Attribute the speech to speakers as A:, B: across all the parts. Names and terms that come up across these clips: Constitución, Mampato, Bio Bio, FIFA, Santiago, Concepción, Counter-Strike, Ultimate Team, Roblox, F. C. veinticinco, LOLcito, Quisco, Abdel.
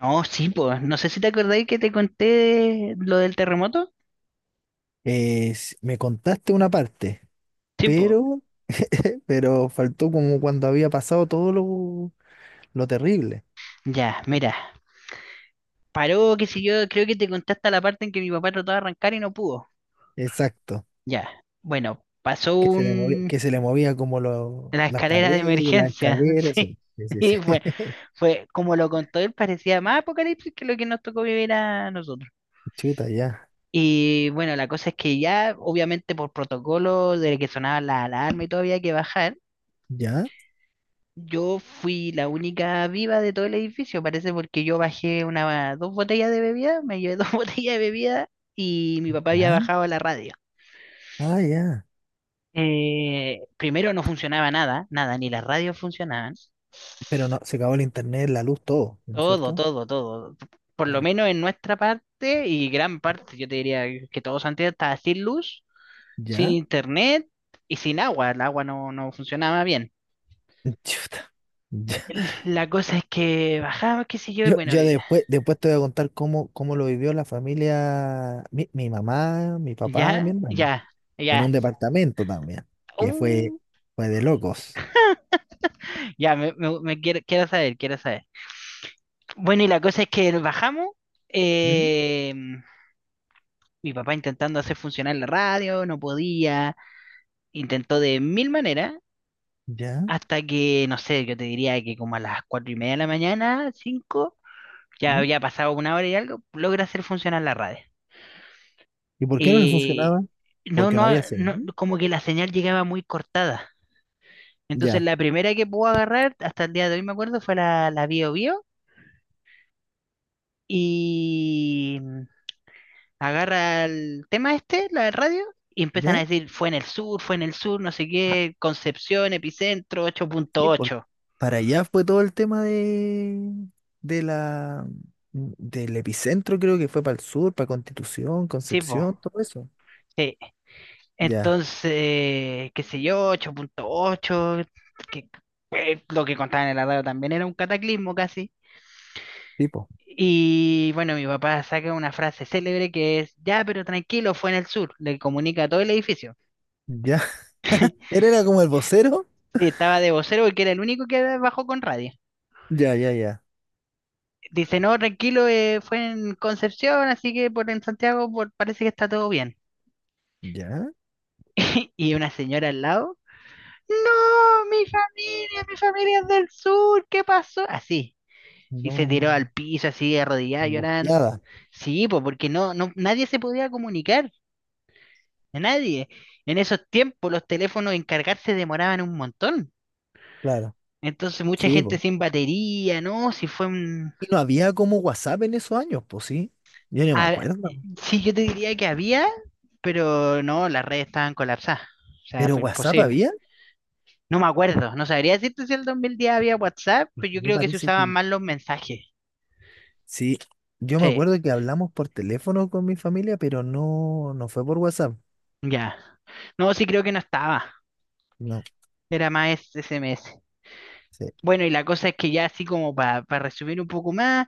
A: No, sí, pues, no sé si te acordáis que te conté lo del terremoto.
B: Me contaste una parte,
A: Sí, pues,
B: pero, pero faltó como cuando había pasado todo lo terrible.
A: ya, mira, paró, qué sé yo, creo que te conté hasta la parte en que mi papá trató de arrancar y no pudo.
B: Exacto.
A: Ya, bueno, pasó
B: Que se le movía, que se le movía como
A: la
B: las
A: escalera de
B: paredes, las
A: emergencia,
B: escaleras.
A: sí.
B: Sí, sí,
A: Y
B: sí.
A: fue, fue, como lo contó él, parecía más apocalipsis que lo que nos tocó vivir a nosotros.
B: Chuta, ya.
A: Y bueno, la cosa es que ya, obviamente por protocolo de que sonaba la alarma y todo había que bajar.
B: ¿Ya?
A: Yo fui la única viva de todo el edificio, parece, porque yo bajé una, dos botellas de bebida, me llevé dos botellas de bebida y mi papá había
B: ¿Ya?
A: bajado la radio.
B: Ah, ya.
A: Primero no funcionaba nada, nada, ni las radios funcionaban.
B: Pero no, se acabó el internet, la luz, todo, ¿no es
A: Todo,
B: cierto?
A: todo, todo. Por lo
B: Ya.
A: menos en nuestra parte y gran parte, yo te diría que todo Santiago estaba sin luz, sin
B: ¿Ya?
A: internet y sin agua. El agua no, no funcionaba bien.
B: Chuta. Ya.
A: La cosa es que bajaba, qué sé yo, y
B: Yo,
A: bueno,
B: yo después, después te voy a contar cómo lo vivió la familia, mi mamá, mi papá y mi
A: ya,
B: hermana.
A: ya,
B: En
A: ya.
B: un departamento también, que fue,
A: Uh,
B: fue de locos.
A: ya, me quiero, quiero saber, quiero saber. Bueno, y la cosa es que bajamos.
B: ¿Mm?
A: eh, mi papá intentando hacer funcionar la radio, no podía. Intentó de mil maneras.
B: ¿Ya?
A: Hasta que, no sé, yo te diría que como a las 4:30 de la mañana, cinco, ya
B: ¿Mm?
A: había pasado una hora y algo, logra hacer funcionar la radio.
B: ¿Y por qué no le
A: Eh,
B: funcionaba?
A: no,
B: Porque no
A: no,
B: había
A: no,
B: señal.
A: como que la señal llegaba muy cortada. Entonces
B: Ya,
A: la primera que pude agarrar, hasta el día de hoy me acuerdo, fue la Bio Bio. Y mm, agarra el tema este, la de radio, y empiezan a
B: ya,
A: decir, fue en el sur, fue en el sur, no sé qué, Concepción, epicentro,
B: sí, porque
A: 8.8.
B: para allá fue todo el tema de la, del epicentro, creo que fue para el sur, para Constitución,
A: Sí, po.
B: Concepción, todo eso.
A: Sí.
B: Ya,
A: Entonces, qué sé yo, 8.8, que, lo que contaban en la radio también era un cataclismo casi.
B: tipo,
A: Y bueno, mi papá saca una frase célebre que es, ya, pero tranquilo, fue en el sur, le comunica a todo el edificio.
B: ya. Él era como el vocero.
A: Sí, estaba de vocero porque era el único que bajó con radio.
B: Ya, ya, ya,
A: Dice, no, tranquilo, fue en Concepción, así que por en Santiago por, parece que está todo bien.
B: ya.
A: Y una señora al lado, no, mi familia es del sur, ¿qué pasó? Así. Y se
B: No,
A: tiró al piso así, arrodillada, llorando.
B: angustiada,
A: Sí, pues porque no, no, nadie se podía comunicar, nadie. En esos tiempos los teléfonos en cargarse demoraban un montón.
B: claro.
A: Entonces mucha
B: Sí,
A: gente
B: po.
A: sin batería, ¿no? Si fue un,
B: Y no había como WhatsApp en esos años, pues sí. Yo no me
A: A-
B: acuerdo.
A: sí, yo te diría que había, pero no, las redes estaban colapsadas. O sea,
B: Pero
A: fue
B: WhatsApp
A: imposible.
B: había,
A: No me acuerdo, no sabría decirte si el 2010 había WhatsApp, pero
B: porque
A: yo
B: yo
A: creo que se
B: parece
A: usaban
B: que
A: más los mensajes.
B: sí. Yo me
A: Sí,
B: acuerdo que hablamos por teléfono con mi familia, pero no, no fue por WhatsApp.
A: ya. No, sí creo que no estaba.
B: No,
A: Era más SMS.
B: sí.
A: Bueno, y la cosa es que ya así como para resumir un poco más,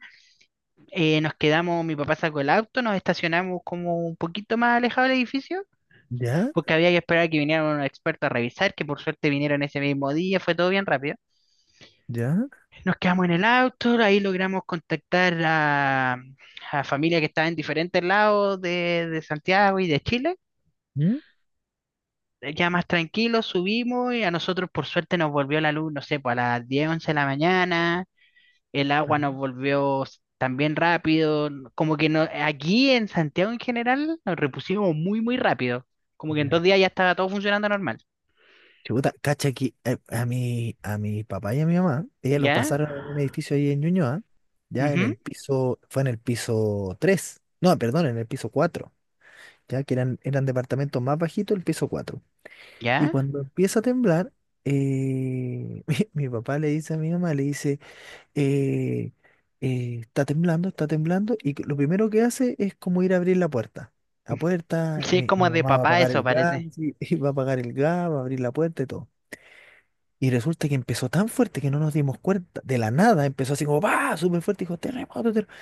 A: nos quedamos, mi papá sacó el auto, nos estacionamos como un poquito más alejado del edificio,
B: ¿Ya?
A: porque había que esperar que vinieran unos expertos a revisar, que por suerte vinieron ese mismo día, fue todo bien rápido.
B: ¿Ya?
A: Nos quedamos en el auto, ahí logramos contactar a familia que estaba en diferentes lados de, Santiago y de Chile.
B: ¿Mm?
A: Ya más tranquilos subimos y a nosotros por suerte nos volvió la luz, no sé, pues a las 10, 11 de la mañana. El agua
B: Ah,
A: nos volvió también rápido. Como que no, aquí en Santiago en general nos repusimos muy, muy rápido. Como que en
B: ya.
A: 2 días ya estaba todo funcionando normal.
B: Chuta, cacha que a a mi papá y a mi mamá, ellos los
A: ¿Ya?
B: pasaron en un edificio ahí en Ñuñoa, ya en
A: Ujú,
B: el piso, fue en el piso 3. No, perdón, en el piso 4. Ya que eran departamentos más bajitos, el piso 4. Y
A: ¿ya?
B: cuando empieza a temblar, mi papá le dice a mi mamá, le dice, eh, está temblando, y lo primero que hace es como ir a abrir la puerta. La puerta,
A: Sí, es como
B: mi
A: de
B: mamá va a
A: papá
B: apagar
A: eso
B: el gas,
A: parece.
B: y va a apagar el gas, va a abrir la puerta y todo. Y resulta que empezó tan fuerte que no nos dimos cuenta. De la nada empezó así como, va, súper fuerte, dijo, terremoto, terremoto.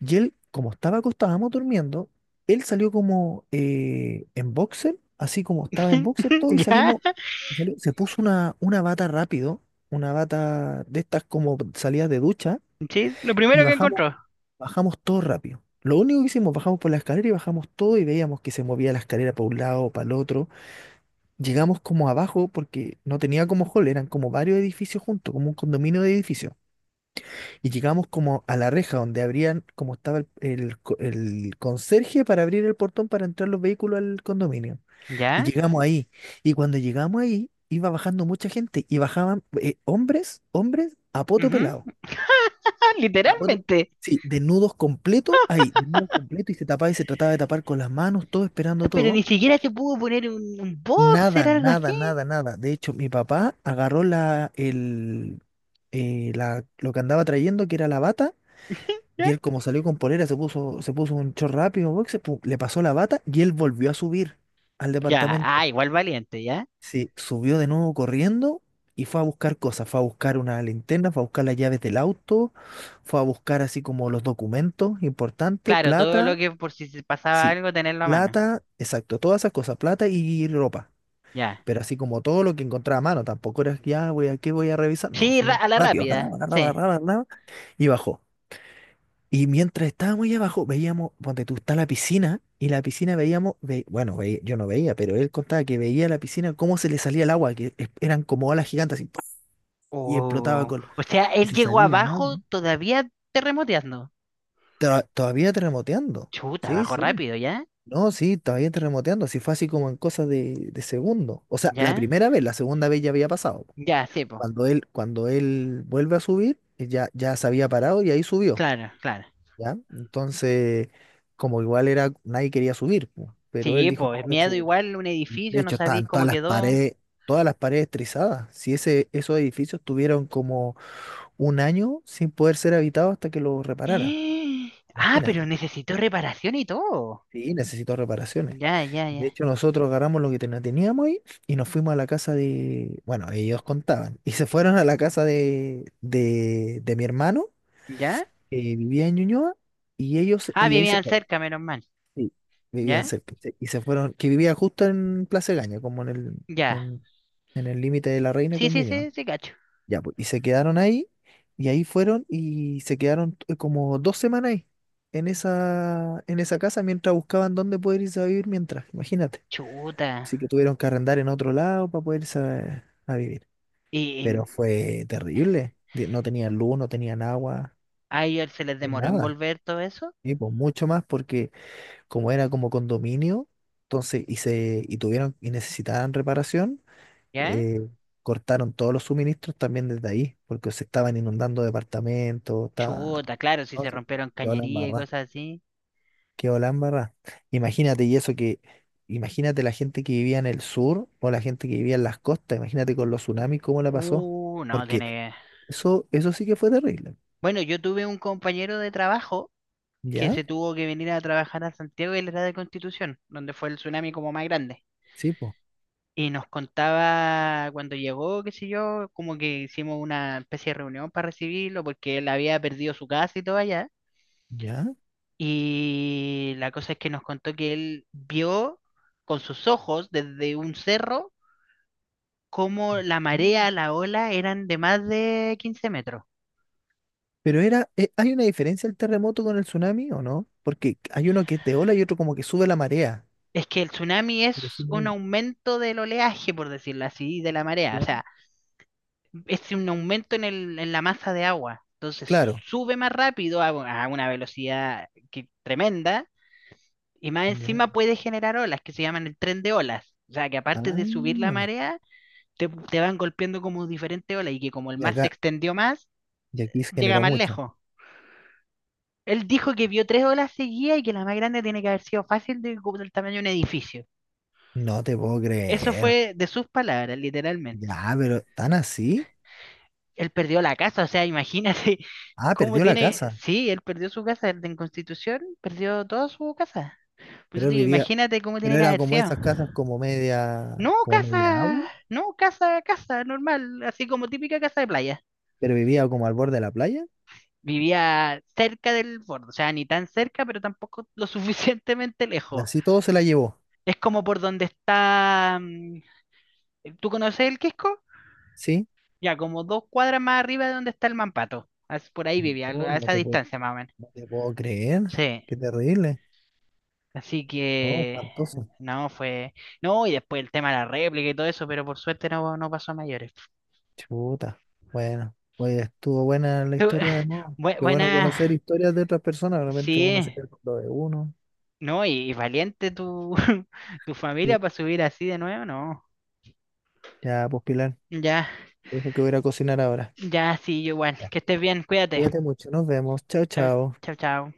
B: Y él, como estaba acostado, estábamos durmiendo, él salió como en boxer, así como estaba en boxer todo, y
A: ¿Ya?
B: salimos, se puso una bata rápido, una bata de estas como salidas de ducha
A: Sí, es lo
B: y
A: primero que
B: bajamos,
A: encontró.
B: bajamos todo rápido. Lo único que hicimos, bajamos por la escalera y bajamos todo y veíamos que se movía la escalera para un lado, para el otro. Llegamos como abajo porque no tenía como hall, eran como varios edificios juntos, como un condominio de edificios. Y llegamos como a la reja donde abrían, como estaba el conserje para abrir el portón para entrar los vehículos al condominio. Y
A: ¿Ya?
B: llegamos ahí. Y cuando llegamos ahí, iba bajando mucha gente y bajaban hombres a poto
A: Ujú.
B: pelado.
A: Ah,
B: La foto-
A: literalmente.
B: sí, desnudos completo, ahí, desnudos completos y se tapaba y se trataba de tapar con las manos, todo
A: Ah,
B: esperando
A: pero ni
B: todo.
A: siquiera se pudo poner un boxer,
B: Nada,
A: algo así.
B: nada, nada, nada. De hecho, mi papá agarró lo que andaba trayendo, que era la bata, y
A: ¿Ya?
B: él como salió con polera, se puso un short rápido, boxer, pum, le pasó la bata y él volvió a subir al
A: Ya,
B: departamento.
A: ah, igual valiente, ¿ya?
B: Sí, subió de nuevo corriendo y fue a buscar cosas. Fue a buscar una linterna, fue a buscar las llaves del auto, fue a buscar así como los documentos importantes,
A: Claro, todo
B: plata,
A: lo que por si se pasaba
B: sí,
A: algo, tenerlo a mano.
B: plata, exacto, todas esas cosas, plata y ropa.
A: Ya.
B: Pero así como todo lo que encontraba a mano, tampoco era que ya voy a qué voy a revisar, no,
A: Sí,
B: sino
A: a la
B: rápido, agarraba,
A: rápida,
B: agarraba,
A: sí.
B: agarraba, agarraba, y bajó. Y mientras estábamos ahí abajo, veíamos, donde tú está la piscina, y la piscina veíamos, bueno, yo no veía, pero él contaba que veía la piscina cómo se le salía el agua, eran como olas gigantes, así, ¡puf! Y explotaba
A: Oh,
B: con,
A: o sea,
B: y
A: él
B: se
A: llegó
B: salía el agua.
A: abajo todavía terremoteando.
B: Todavía terremoteando,
A: Chuta,
B: sí,
A: abajo
B: sí,
A: rápido, ¿ya?
B: no, sí, todavía terremoteando, así fue así como en cosas de segundo. O sea, la
A: ¿Ya?
B: primera vez, la segunda vez ya había pasado.
A: Ya, sí, po.
B: Cuando él vuelve a subir, ya, ya se había parado y ahí subió.
A: Claro, claro.
B: ¿Ya? Entonces, como igual era, nadie quería subir, pu, pero él
A: Sí,
B: dijo,
A: po,
B: no,
A: es
B: voy a
A: miedo
B: subir.
A: igual, un
B: De
A: edificio, no
B: hecho,
A: sabéis
B: estaban
A: cómo quedó.
B: todas las paredes trizadas. Si esos edificios tuvieron como 1 año sin poder ser habitados hasta que los repararan.
A: Ah, pero
B: Imagínate.
A: necesitó reparación y todo.
B: Sí, necesito reparaciones.
A: Ya, ya,
B: De
A: ya.
B: hecho, nosotros agarramos lo que teníamos ahí y nos fuimos a la casa de, bueno, ellos contaban. Y se fueron a la casa de mi hermano,
A: ¿Ya?
B: que vivía en Ñuñoa, y ellos,
A: Ah,
B: y ahí se
A: vivían
B: fueron.
A: cerca, menos mal.
B: Sí, vivían
A: ¿Ya?
B: cerca. Y se fueron, que vivía justo en Plaza Gaña, como
A: Ya.
B: en, en el límite de La Reina
A: Sí,
B: con
A: sí,
B: Ñuñoa.
A: sí, sí, cacho.
B: Ya, pues, y se quedaron ahí, y ahí fueron y se quedaron como 2 semanas ahí, en en esa casa, mientras buscaban dónde poder irse a vivir mientras, imagínate.
A: Chuta.
B: Así que tuvieron que arrendar en otro lado para poder irse a vivir.
A: ¿Y, y
B: Pero fue terrible. No tenían luz, no tenían agua, no
A: a ellos se les
B: tenían
A: demoró en
B: nada.
A: volver todo eso?
B: Y pues mucho más porque como era como condominio, entonces y se y tuvieron y necesitaban reparación,
A: ¿Ya?
B: eh, cortaron todos los suministros también desde ahí, porque se estaban inundando departamentos, estaba
A: Chuta, claro, si
B: no,
A: se
B: sí,
A: rompieron
B: quedó la
A: cañería y
B: embarrá,
A: cosas así.
B: quedó la embarrá. Imagínate y eso que imagínate la gente que vivía en el sur o la gente que vivía en las costas, imagínate con los tsunamis cómo la pasó,
A: No,
B: porque
A: tiene... que...
B: eso sí que fue terrible,
A: Bueno, yo tuve un compañero de trabajo que
B: ¿ya?
A: se tuvo que venir a trabajar a Santiago y él era de Constitución, donde fue el tsunami como más grande.
B: Sí, pues,
A: Y nos contaba cuando llegó, qué sé yo, como que hicimos una especie de reunión para recibirlo porque él había perdido su casa y todo allá.
B: ¿ya?
A: Y la cosa es que nos contó que él vio con sus ojos desde un cerro cómo la marea, la ola eran de más de 15 metros.
B: Pero era, ¿hay una diferencia el terremoto con el tsunami o no? Porque hay uno que te ola y otro como que sube la marea.
A: Es que el tsunami es
B: Pero sí,
A: un
B: no,
A: aumento del oleaje, por decirlo así, de la marea. O
B: claro.
A: sea, es un aumento en en la masa de agua. Entonces
B: Claro.
A: sube más rápido a, una velocidad que, tremenda y más
B: Ya.
A: encima puede generar olas que se llaman el tren de olas. O sea, que
B: Ah,
A: aparte de subir la
B: no. No.
A: marea, te van golpeando como diferentes olas y que como el
B: Y
A: mar se
B: acá,
A: extendió más,
B: y aquí se
A: llega
B: generó
A: más
B: mucha.
A: lejos. Él dijo que vio tres olas seguidas y que la más grande tiene que haber sido fácil de, como del tamaño de un edificio.
B: No te puedo
A: Eso
B: creer.
A: fue de sus palabras, literalmente.
B: Ya, pero ¿tan así?
A: Él perdió la casa, o sea, imagínate
B: Ah,
A: cómo
B: perdió la
A: tiene,
B: casa.
A: sí, él perdió su casa el de en Constitución, perdió toda su casa.
B: Pero
A: Pues
B: él
A: digo,
B: vivía,
A: imagínate cómo
B: pero
A: tiene que
B: era
A: haber
B: como
A: sido.
B: esas casas
A: No,
B: como media
A: casa,
B: agua,
A: no, casa, casa, normal, así como típica casa de playa.
B: pero vivía como al borde de la playa.
A: Vivía cerca del borde, o sea, ni tan cerca, pero tampoco lo suficientemente
B: Y
A: lejos.
B: así todo se la llevó.
A: Es como por donde está, mm, ¿tú conoces el Quisco?
B: ¿Sí?
A: Ya, como 2 cuadras más arriba de donde está el Mampato. Por ahí vivía,
B: No,
A: a
B: no
A: esa
B: te puedo,
A: distancia más o menos.
B: no te puedo creer.
A: Sí.
B: Qué terrible.
A: Así
B: No,
A: que
B: espantoso.
A: no fue. No, y después el tema de la réplica y todo eso, pero por suerte no, no pasó a mayores.
B: Chuta. Bueno, oye, estuvo buena la
A: Tú-
B: historia de Mo. Qué bueno
A: Buena,
B: conocer historias de otras personas. Realmente uno se
A: sí,
B: queda con lo de uno.
A: no, y valiente tu, tu familia
B: Sí.
A: para subir así de nuevo, no.
B: Ya, pues Pilar,
A: Ya,
B: dijo que voy a ir a cocinar ahora.
A: ya, sí, yo igual.
B: Ya.
A: Que estés bien, cuídate.
B: Cuídate mucho, nos vemos. Chao,
A: Chao,
B: chao.
A: chao, chao.